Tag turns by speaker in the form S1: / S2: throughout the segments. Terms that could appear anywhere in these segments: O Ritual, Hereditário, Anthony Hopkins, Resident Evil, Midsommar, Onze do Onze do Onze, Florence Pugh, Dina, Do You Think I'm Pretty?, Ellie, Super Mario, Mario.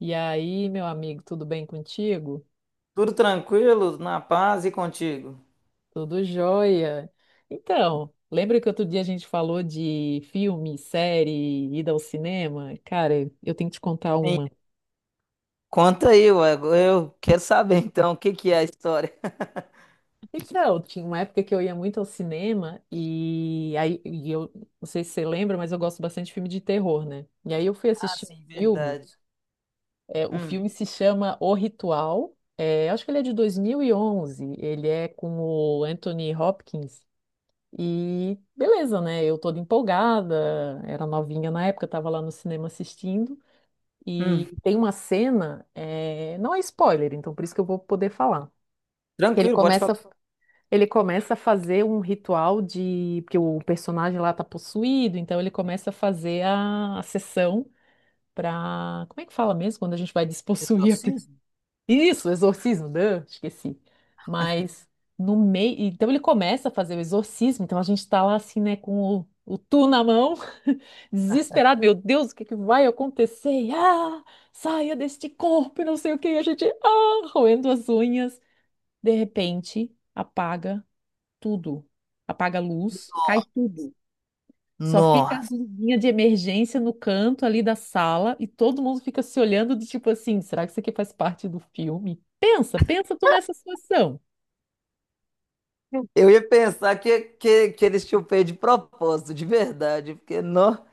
S1: E aí, meu amigo, tudo bem contigo?
S2: Tudo tranquilo, na paz e contigo.
S1: Tudo jóia. Então, lembra que outro dia a gente falou de filme, série, ida ao cinema? Cara, eu tenho que te contar
S2: Sim.
S1: uma.
S2: Conta aí, ué. Eu quero saber então o que que é a história.
S1: Então, tinha uma época que eu ia muito ao cinema e eu não sei se você lembra, mas eu gosto bastante de filme de terror, né? E aí eu fui
S2: Ah,
S1: assistir
S2: sim,
S1: um filme.
S2: verdade.
S1: É, o
S2: Hum,
S1: filme se chama O Ritual. É, acho que ele é de 2011. Ele é com o Anthony Hopkins. E beleza, né? Eu toda empolgada, era novinha na época, estava lá no cinema assistindo.
S2: hum.
S1: E tem uma cena, não é spoiler, então por isso que eu vou poder falar. que Ele
S2: Tranquilo, pode
S1: começa,
S2: falar.
S1: ele começa a fazer um ritual de, porque o personagem lá tá possuído, então ele começa a fazer a sessão para, como é que fala mesmo quando a gente vai despossuir
S2: Exorcismo?
S1: isso, exorcismo, né? Esqueci. Mas no meio. Então ele começa a fazer o exorcismo, então a gente tá lá assim, né, com o tu na mão, desesperado, meu Deus, o que é que vai acontecer? E, ah, saia deste corpo, e não sei o que, e a gente, ah, roendo as unhas. De repente, apaga tudo. Apaga a luz, cai tudo. Só fica as
S2: Nossa,
S1: luzinhas de emergência no canto ali da sala e todo mundo fica se olhando do tipo assim, será que isso aqui faz parte do filme? Pensa, pensa tu nessa situação.
S2: eu ia pensar que eles tinham feito de propósito, de verdade, porque não.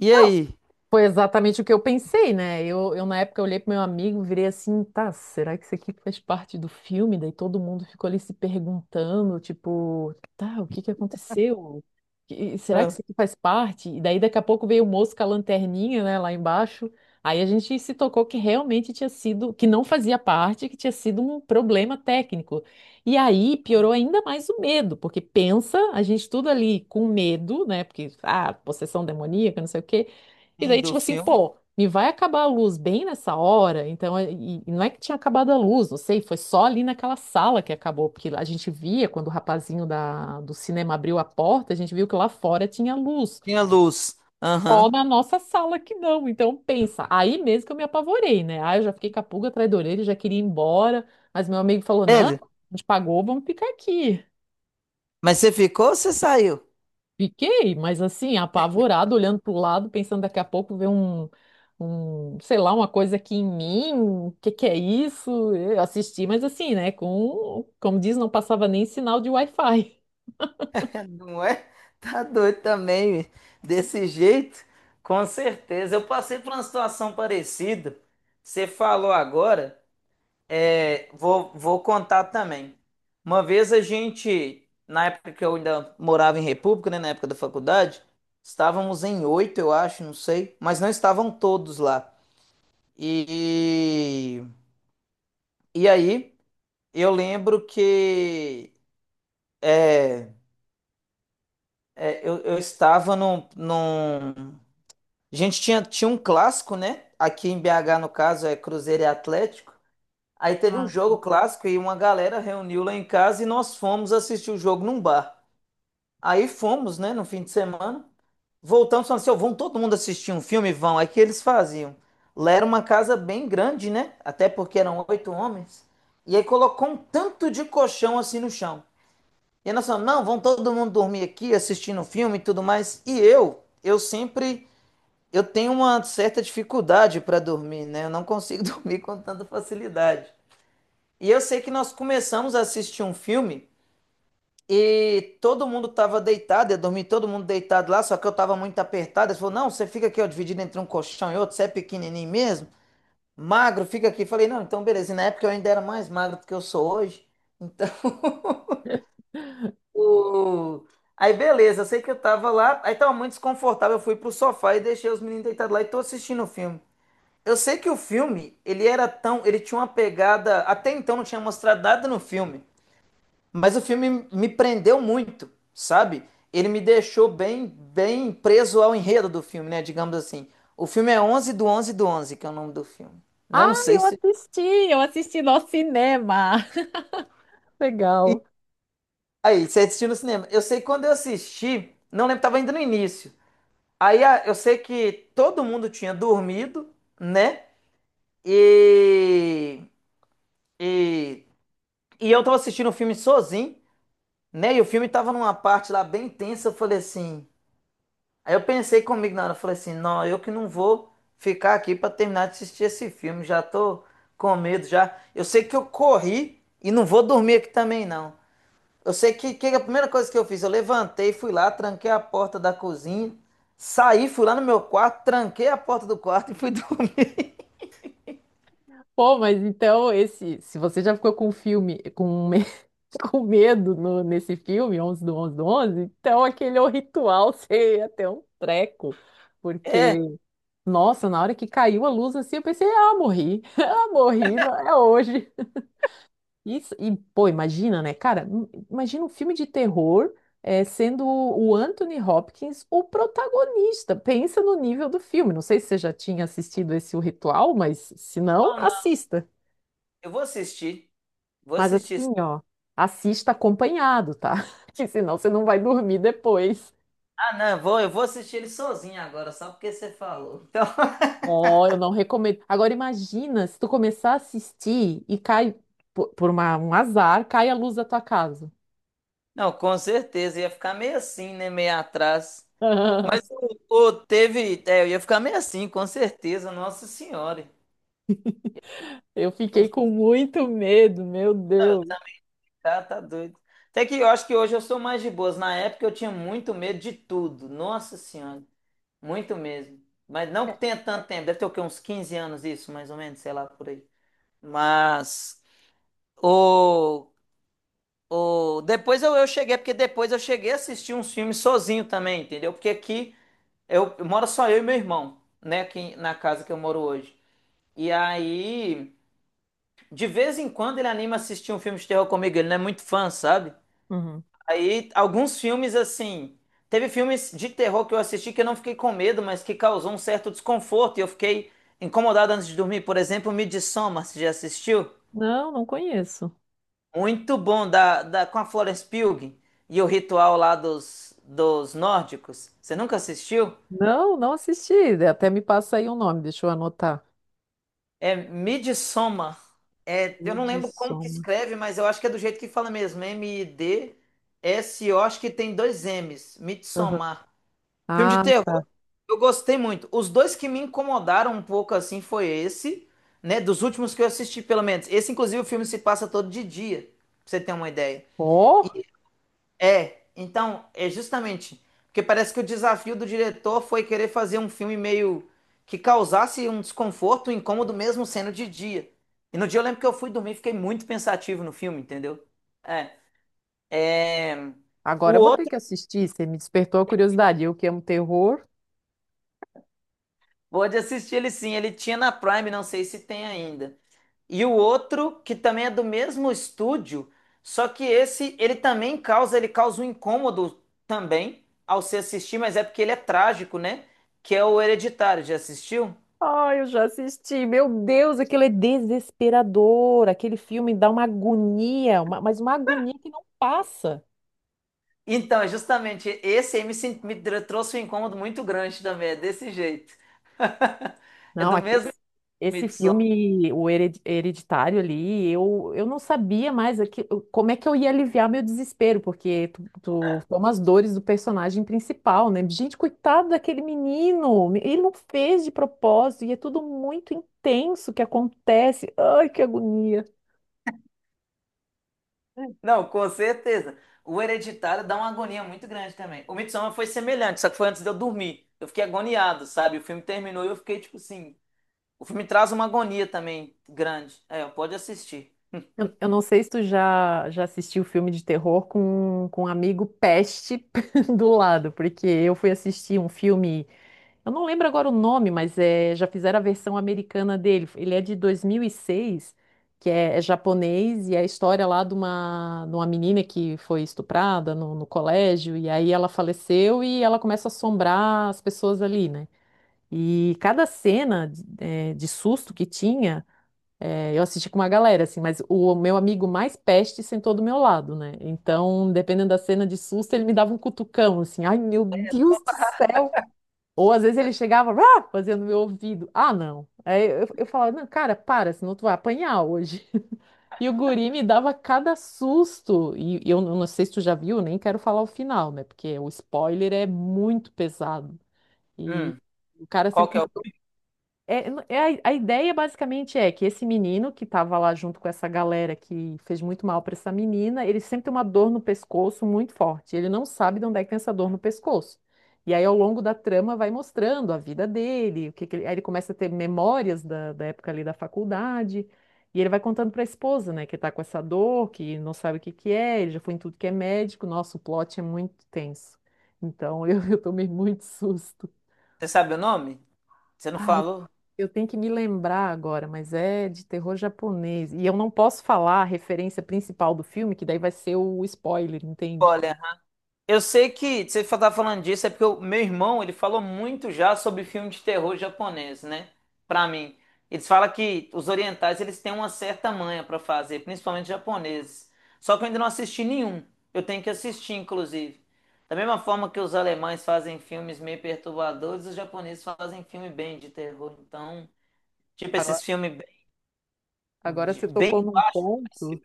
S2: E aí?
S1: Foi exatamente o que eu pensei, né? Eu na época olhei pro meu amigo, virei assim, tá, será que isso aqui faz parte do filme? Daí todo mundo ficou ali se perguntando, tipo, tá, o que que aconteceu? E será que
S2: Ah,
S1: isso aqui faz parte? E daí daqui a pouco veio o moço com a lanterninha, né, lá embaixo. Aí a gente se tocou que realmente tinha sido, que não fazia parte, que tinha sido um problema técnico. E aí piorou ainda mais o medo, porque pensa, a gente tudo ali com medo, né? Porque, ah, possessão demoníaca, não sei o quê. E
S2: fim
S1: daí,
S2: do
S1: tipo assim,
S2: filme?
S1: pô, me vai acabar a luz bem nessa hora? Então, é, e não é que tinha acabado a luz, não sei, foi só ali naquela sala que acabou, porque a gente via quando o rapazinho da, do cinema abriu a porta, a gente viu que lá fora tinha luz.
S2: Tinha luz. Aham.
S1: Ó, na nossa sala que não. Então, pensa, aí mesmo que eu me apavorei, né? Ah, eu já fiquei com a pulga atrás da orelha, já queria ir embora, mas meu amigo falou: não, a
S2: Sério?
S1: gente pagou, vamos ficar aqui.
S2: Mas você ficou ou você saiu?
S1: Fiquei, mas assim, apavorado, olhando para o lado, pensando daqui a pouco ver um, sei lá, uma coisa aqui em mim, o que que é isso? Eu assisti, mas assim, né, com, como diz, não passava nem sinal de Wi-Fi.
S2: Não é? Tá doido também, bicho. Desse jeito? Com certeza. Eu passei por uma situação parecida. Você falou agora, é, vou contar também. Uma vez a gente, na época que eu ainda morava em República, né, na época da faculdade, estávamos em oito, eu acho, não sei, mas não estavam todos lá. E, e aí, eu lembro que é, eu estava. A gente tinha um clássico, né? Aqui em BH, no caso, é Cruzeiro e Atlético. Aí teve um
S1: Ah,
S2: jogo clássico e uma galera reuniu lá em casa e nós fomos assistir o jogo num bar. Aí fomos, né, no fim de semana. Voltamos falando assim, ó, vão todo mundo assistir um filme? Vão. Aí o que eles faziam. Lá era uma casa bem grande, né? Até porque eram oito homens. E aí colocou um tanto de colchão assim no chão. E aí nós falamos, não, vão todo mundo dormir aqui assistindo o filme e tudo mais. E eu sempre eu tenho uma certa dificuldade para dormir, né? Eu não consigo dormir com tanta facilidade. E eu sei que nós começamos a assistir um filme e todo mundo estava deitado, eu dormi todo mundo deitado lá, só que eu estava muito apertado. Ele falou: Não, você fica aqui, ó, dividido entre um colchão e outro, você é pequenininho mesmo, magro, fica aqui. Eu falei: Não, então beleza. E na época eu ainda era mais magro do que eu sou hoje. Então. o- Aí beleza, eu sei que eu tava lá, aí tava muito desconfortável, eu fui pro sofá e deixei os meninos deitados lá e tô assistindo o filme. Eu sei que o filme, ele era tão, ele tinha uma pegada, até então não tinha mostrado nada no filme, mas o filme me prendeu muito, sabe? Ele me deixou bem, bem preso ao enredo do filme, né? Digamos assim. O filme é Onze do Onze do Onze, que é o nome do filme.
S1: ah,
S2: Não sei
S1: eu
S2: se...
S1: assisti, eu assisti no cinema.
S2: E
S1: Legal.
S2: aí, você assistiu no cinema. Eu sei que quando eu assisti, não lembro, tava ainda no início. Aí eu sei que todo mundo tinha dormido, né? E, e, e eu tava assistindo o filme sozinho. Né? E o filme tava numa parte lá bem tensa, eu falei assim. Aí eu pensei comigo na hora, eu falei assim, não, eu que não vou ficar aqui pra terminar de assistir esse filme, já tô com medo já. Eu sei que eu corri e não vou dormir aqui também não. Eu sei que a primeira coisa que eu fiz, eu levantei, fui lá, tranquei a porta da cozinha, saí, fui lá no meu quarto, tranquei a porta do quarto e fui dormir.
S1: Pô, mas então esse, se você já ficou com um filme, com, com medo nesse filme, 11, do 11, então aquele é o ritual, você ia ter um treco, porque nossa, na hora que caiu a luz assim, eu pensei, ah, morri, ah, morri, não, é hoje. Isso, e, pô, imagina, né, cara, imagina um filme de terror sendo o Anthony Hopkins o protagonista. Pensa no nível do filme. Não sei se você já tinha assistido esse O Ritual, mas se não,
S2: Então não,
S1: assista.
S2: eu vou assistir. Vou
S1: Mas
S2: assistir.
S1: assim, ó, assista acompanhado, tá? Que senão você não vai dormir depois.
S2: Ah, não, eu vou assistir ele sozinho agora, só porque você falou. Então,
S1: Ó, eu não recomendo. Agora imagina se tu começar a assistir e cai um azar, cai a luz da tua casa.
S2: Não, com certeza, ia ficar meio assim, né? Meio atrás. Mas teve. É, eu ia ficar meio assim, com certeza, Nossa Senhora.
S1: Eu fiquei com muito medo, meu
S2: Não, eu
S1: Deus.
S2: tá, tá tá doido. Até que eu acho que hoje eu sou mais de boas. Na época eu tinha muito medo de tudo. Nossa Senhora. Muito mesmo. Mas não que tenha tanto tempo. Deve ter o quê? Uns 15 anos isso, mais ou menos, sei lá, por aí. Mas o, o depois eu cheguei, porque depois eu cheguei a assistir uns filmes sozinho também, entendeu? Porque aqui eu moro só eu e meu irmão, né, aqui na casa que eu moro hoje. E aí, de vez em quando ele anima a assistir um filme de terror comigo, ele não é muito fã, sabe?
S1: Uhum.
S2: Aí, alguns filmes assim, teve filmes de terror que eu assisti que eu não fiquei com medo, mas que causou um certo desconforto e eu fiquei incomodado antes de dormir. Por exemplo, Midsommar, você já assistiu?
S1: Não, não conheço.
S2: Muito bom, da, com a Florence Pugh e o ritual lá dos nórdicos. Você nunca assistiu?
S1: Não, não assisti. Até me passa aí o nome, deixa eu anotar.
S2: É Midsommar. É, eu não lembro como que
S1: Midsommar.
S2: escreve, mas eu acho que é do jeito que fala mesmo. M-I-D-S-O, acho que tem dois M's.
S1: Aham.
S2: Midsommar. Filme de
S1: Ah,
S2: terror,
S1: tá.
S2: eu gostei muito. Os dois que me incomodaram um pouco assim foi esse, né? Dos últimos que eu assisti, pelo menos. Esse, inclusive, o filme se passa todo de dia, pra você ter uma ideia.
S1: Ó,
S2: É, então, é justamente. Porque parece que o desafio do diretor foi querer fazer um filme meio que causasse um desconforto, um incômodo mesmo sendo de dia. E no dia eu lembro que eu fui dormir, e fiquei muito pensativo no filme, entendeu? É. é, O
S1: agora eu vou ter
S2: outro,
S1: que assistir. Você me despertou a curiosidade. Eu que amo terror.
S2: pode assistir ele sim, ele tinha na Prime, não sei se tem ainda. E o outro, que também é do mesmo estúdio, só que esse, ele também causa, ele causa um incômodo também ao se assistir, mas é porque ele é trágico, né? Que é o Hereditário, já assistiu?
S1: Ai, eu já assisti. Meu Deus, aquilo é desesperador. Aquele filme dá uma agonia, mas uma agonia que não passa.
S2: Então, é justamente, esse aí me trouxe um incômodo muito grande também, é desse jeito. É
S1: Não,
S2: do mesmo
S1: esse
S2: Midsommar.
S1: filme, o Hereditário ali, eu não sabia mais aqui, como é que eu ia aliviar meu desespero, porque tu toma as dores do personagem principal, né? Gente, coitado daquele menino. Ele não fez de propósito e é tudo muito intenso que acontece. Ai, que agonia.
S2: Não, com certeza. O Hereditário dá uma agonia muito grande também. O Midsommar foi semelhante, só que foi antes de eu dormir. Eu fiquei agoniado, sabe? O filme terminou e eu fiquei tipo assim... O filme traz uma agonia também grande. É, pode assistir.
S1: Eu não sei se tu já assistiu filme de terror com um amigo peste do lado, porque eu fui assistir um filme, eu não lembro agora o nome, mas é, já fizeram a versão americana dele. Ele é de 2006, que é, é japonês, e é a história lá de uma menina que foi estuprada no colégio, e aí ela faleceu e ela começa a assombrar as pessoas ali, né? E cada cena de de susto que tinha. É, eu assisti com uma galera, assim, mas o meu amigo mais peste sentou do meu lado, né? Então, dependendo da cena de susto, ele me dava um cutucão, assim, ai meu Deus do céu! Ou às vezes ele chegava, ah, fazendo meu ouvido, ah, não. Aí eu falava, não, cara, para, senão tu vai apanhar hoje. E o guri me dava cada susto, e eu não sei se tu já viu, nem quero falar o final, né? Porque o spoiler é muito pesado. E
S2: Hum,
S1: o cara
S2: qual
S1: sempre com
S2: que é
S1: uma
S2: o.
S1: é, é a ideia basicamente é que esse menino que estava lá junto com essa galera que fez muito mal para essa menina, ele sempre tem uma dor no pescoço muito forte. Ele não sabe de onde é que tem essa dor no pescoço. E aí, ao longo da trama, vai mostrando a vida dele, o que que ele, aí ele começa a ter memórias da época ali da faculdade. E ele vai contando para a esposa, né, que está com essa dor, que não sabe o que que é, ele já foi em tudo que é médico. Nossa, o plot é muito tenso. Então, eu, eu tomei muito susto.
S2: Você sabe o nome? Você não
S1: Pai, eu
S2: falou?
S1: eu tenho que me lembrar agora, mas é de terror japonês. E eu não posso falar a referência principal do filme, que daí vai ser o spoiler, entende?
S2: Olha, eu sei que você tá falando disso é porque o meu irmão, ele falou muito já sobre filme de terror japonês, né? Pra mim. Eles falam que os orientais, eles têm uma certa manha pra fazer, principalmente japoneses. Só que eu ainda não assisti nenhum. Eu tenho que assistir, inclusive. Da mesma forma que os alemães fazem filmes meio perturbadores, os japoneses fazem filme bem de terror. Então, tipo
S1: Agora,
S2: esses filmes
S1: agora você tocou
S2: bem
S1: num
S2: baixo.
S1: ponto.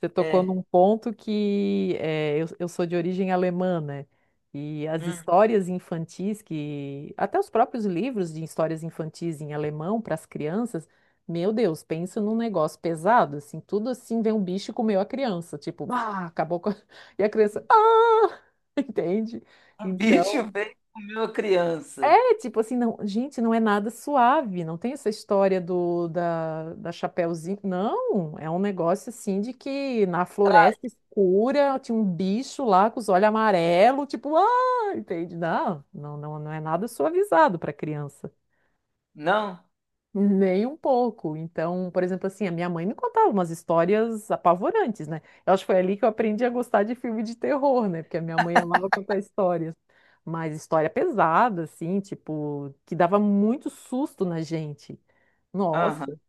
S1: Você tocou
S2: É.
S1: num ponto que eu sou de origem alemã, né? E as
S2: Hum.
S1: histórias infantis que, até os próprios livros de histórias infantis em alemão para as crianças, meu Deus, pensa num negócio pesado, assim, tudo assim vem um bicho e comeu a criança, tipo, ah, acabou com a... E a criança, ah, entende?
S2: Um
S1: Então,
S2: bicho veio comer uma criança.
S1: é, tipo assim, não, gente, não é nada suave, não tem essa história do da Chapeuzinho, não, é um negócio assim de que na floresta escura tinha um bicho lá com os olhos amarelos, tipo, ah, entende? Não, não, não, não é nada suavizado para criança.
S2: Não?
S1: Nem um pouco. Então, por exemplo, assim, a minha mãe me contava umas histórias apavorantes, né? Eu acho que foi ali que eu aprendi a gostar de filme de terror, né? Porque a minha mãe amava contar histórias. Mas história pesada, assim, tipo, que dava muito susto na gente.
S2: Aham.
S1: Nossa,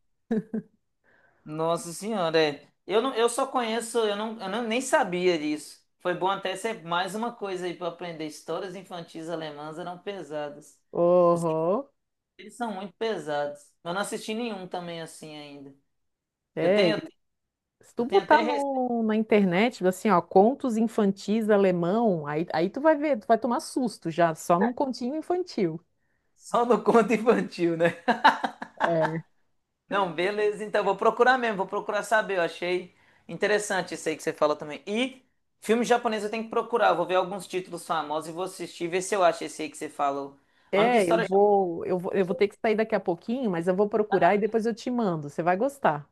S2: Nossa Senhora, é. Eu, não, eu só conheço, eu não, nem sabia disso. Foi bom até ser mais uma coisa aí para aprender. Histórias infantis alemãs eram pesadas. Os-
S1: uhum.
S2: Eles são muito pesados. Eu não assisti nenhum também assim ainda. Eu
S1: É,
S2: tenho,
S1: se tu
S2: eu tenho
S1: botar
S2: até receio
S1: no, na internet, assim, ó, contos infantis alemão, aí tu vai ver, tu vai tomar susto já, só num continho infantil.
S2: só no conto infantil, né?
S1: É.
S2: Não, beleza. Então, vou procurar mesmo, vou procurar saber. Eu achei interessante isso aí que você falou também. E filme japonês eu tenho que procurar. Eu vou ver alguns títulos famosos e vou assistir, ver se eu acho esse aí que você falou. A única
S1: É,
S2: história.
S1: eu vou ter que sair daqui a pouquinho, mas eu vou procurar e depois eu te mando. Você vai gostar.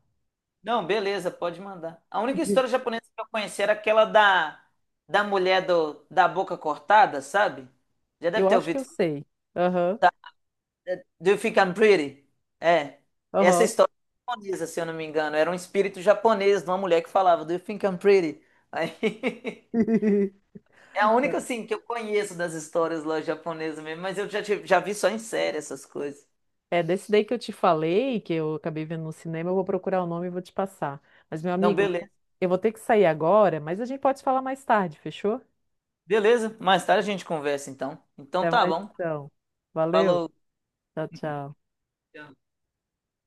S2: Não, beleza, pode mandar. A única história japonesa que eu conheci era aquela da mulher do, da boca cortada, sabe? Já
S1: Eu
S2: deve ter
S1: acho que eu
S2: ouvido.
S1: sei. Aham,
S2: Do You Think I'm Pretty? É. Essa
S1: aham.
S2: história é japonesa, se eu não me engano. Era um espírito japonês de uma mulher que falava Do You Think I'm Pretty? Aí. É a única, assim, que eu conheço das histórias lá japonesas mesmo, mas eu já, já vi só em série essas coisas.
S1: É, desse daí que eu te falei, que eu acabei vendo no cinema, eu vou procurar o nome e vou te passar. Mas, meu
S2: Não,
S1: amigo,
S2: beleza.
S1: eu vou ter que sair agora, mas a gente pode falar mais tarde, fechou?
S2: Beleza, mais tarde a gente conversa então. Então
S1: Até
S2: tá
S1: mais
S2: bom.
S1: então. Valeu.
S2: Falou.
S1: Tchau, tchau.
S2: Tchau.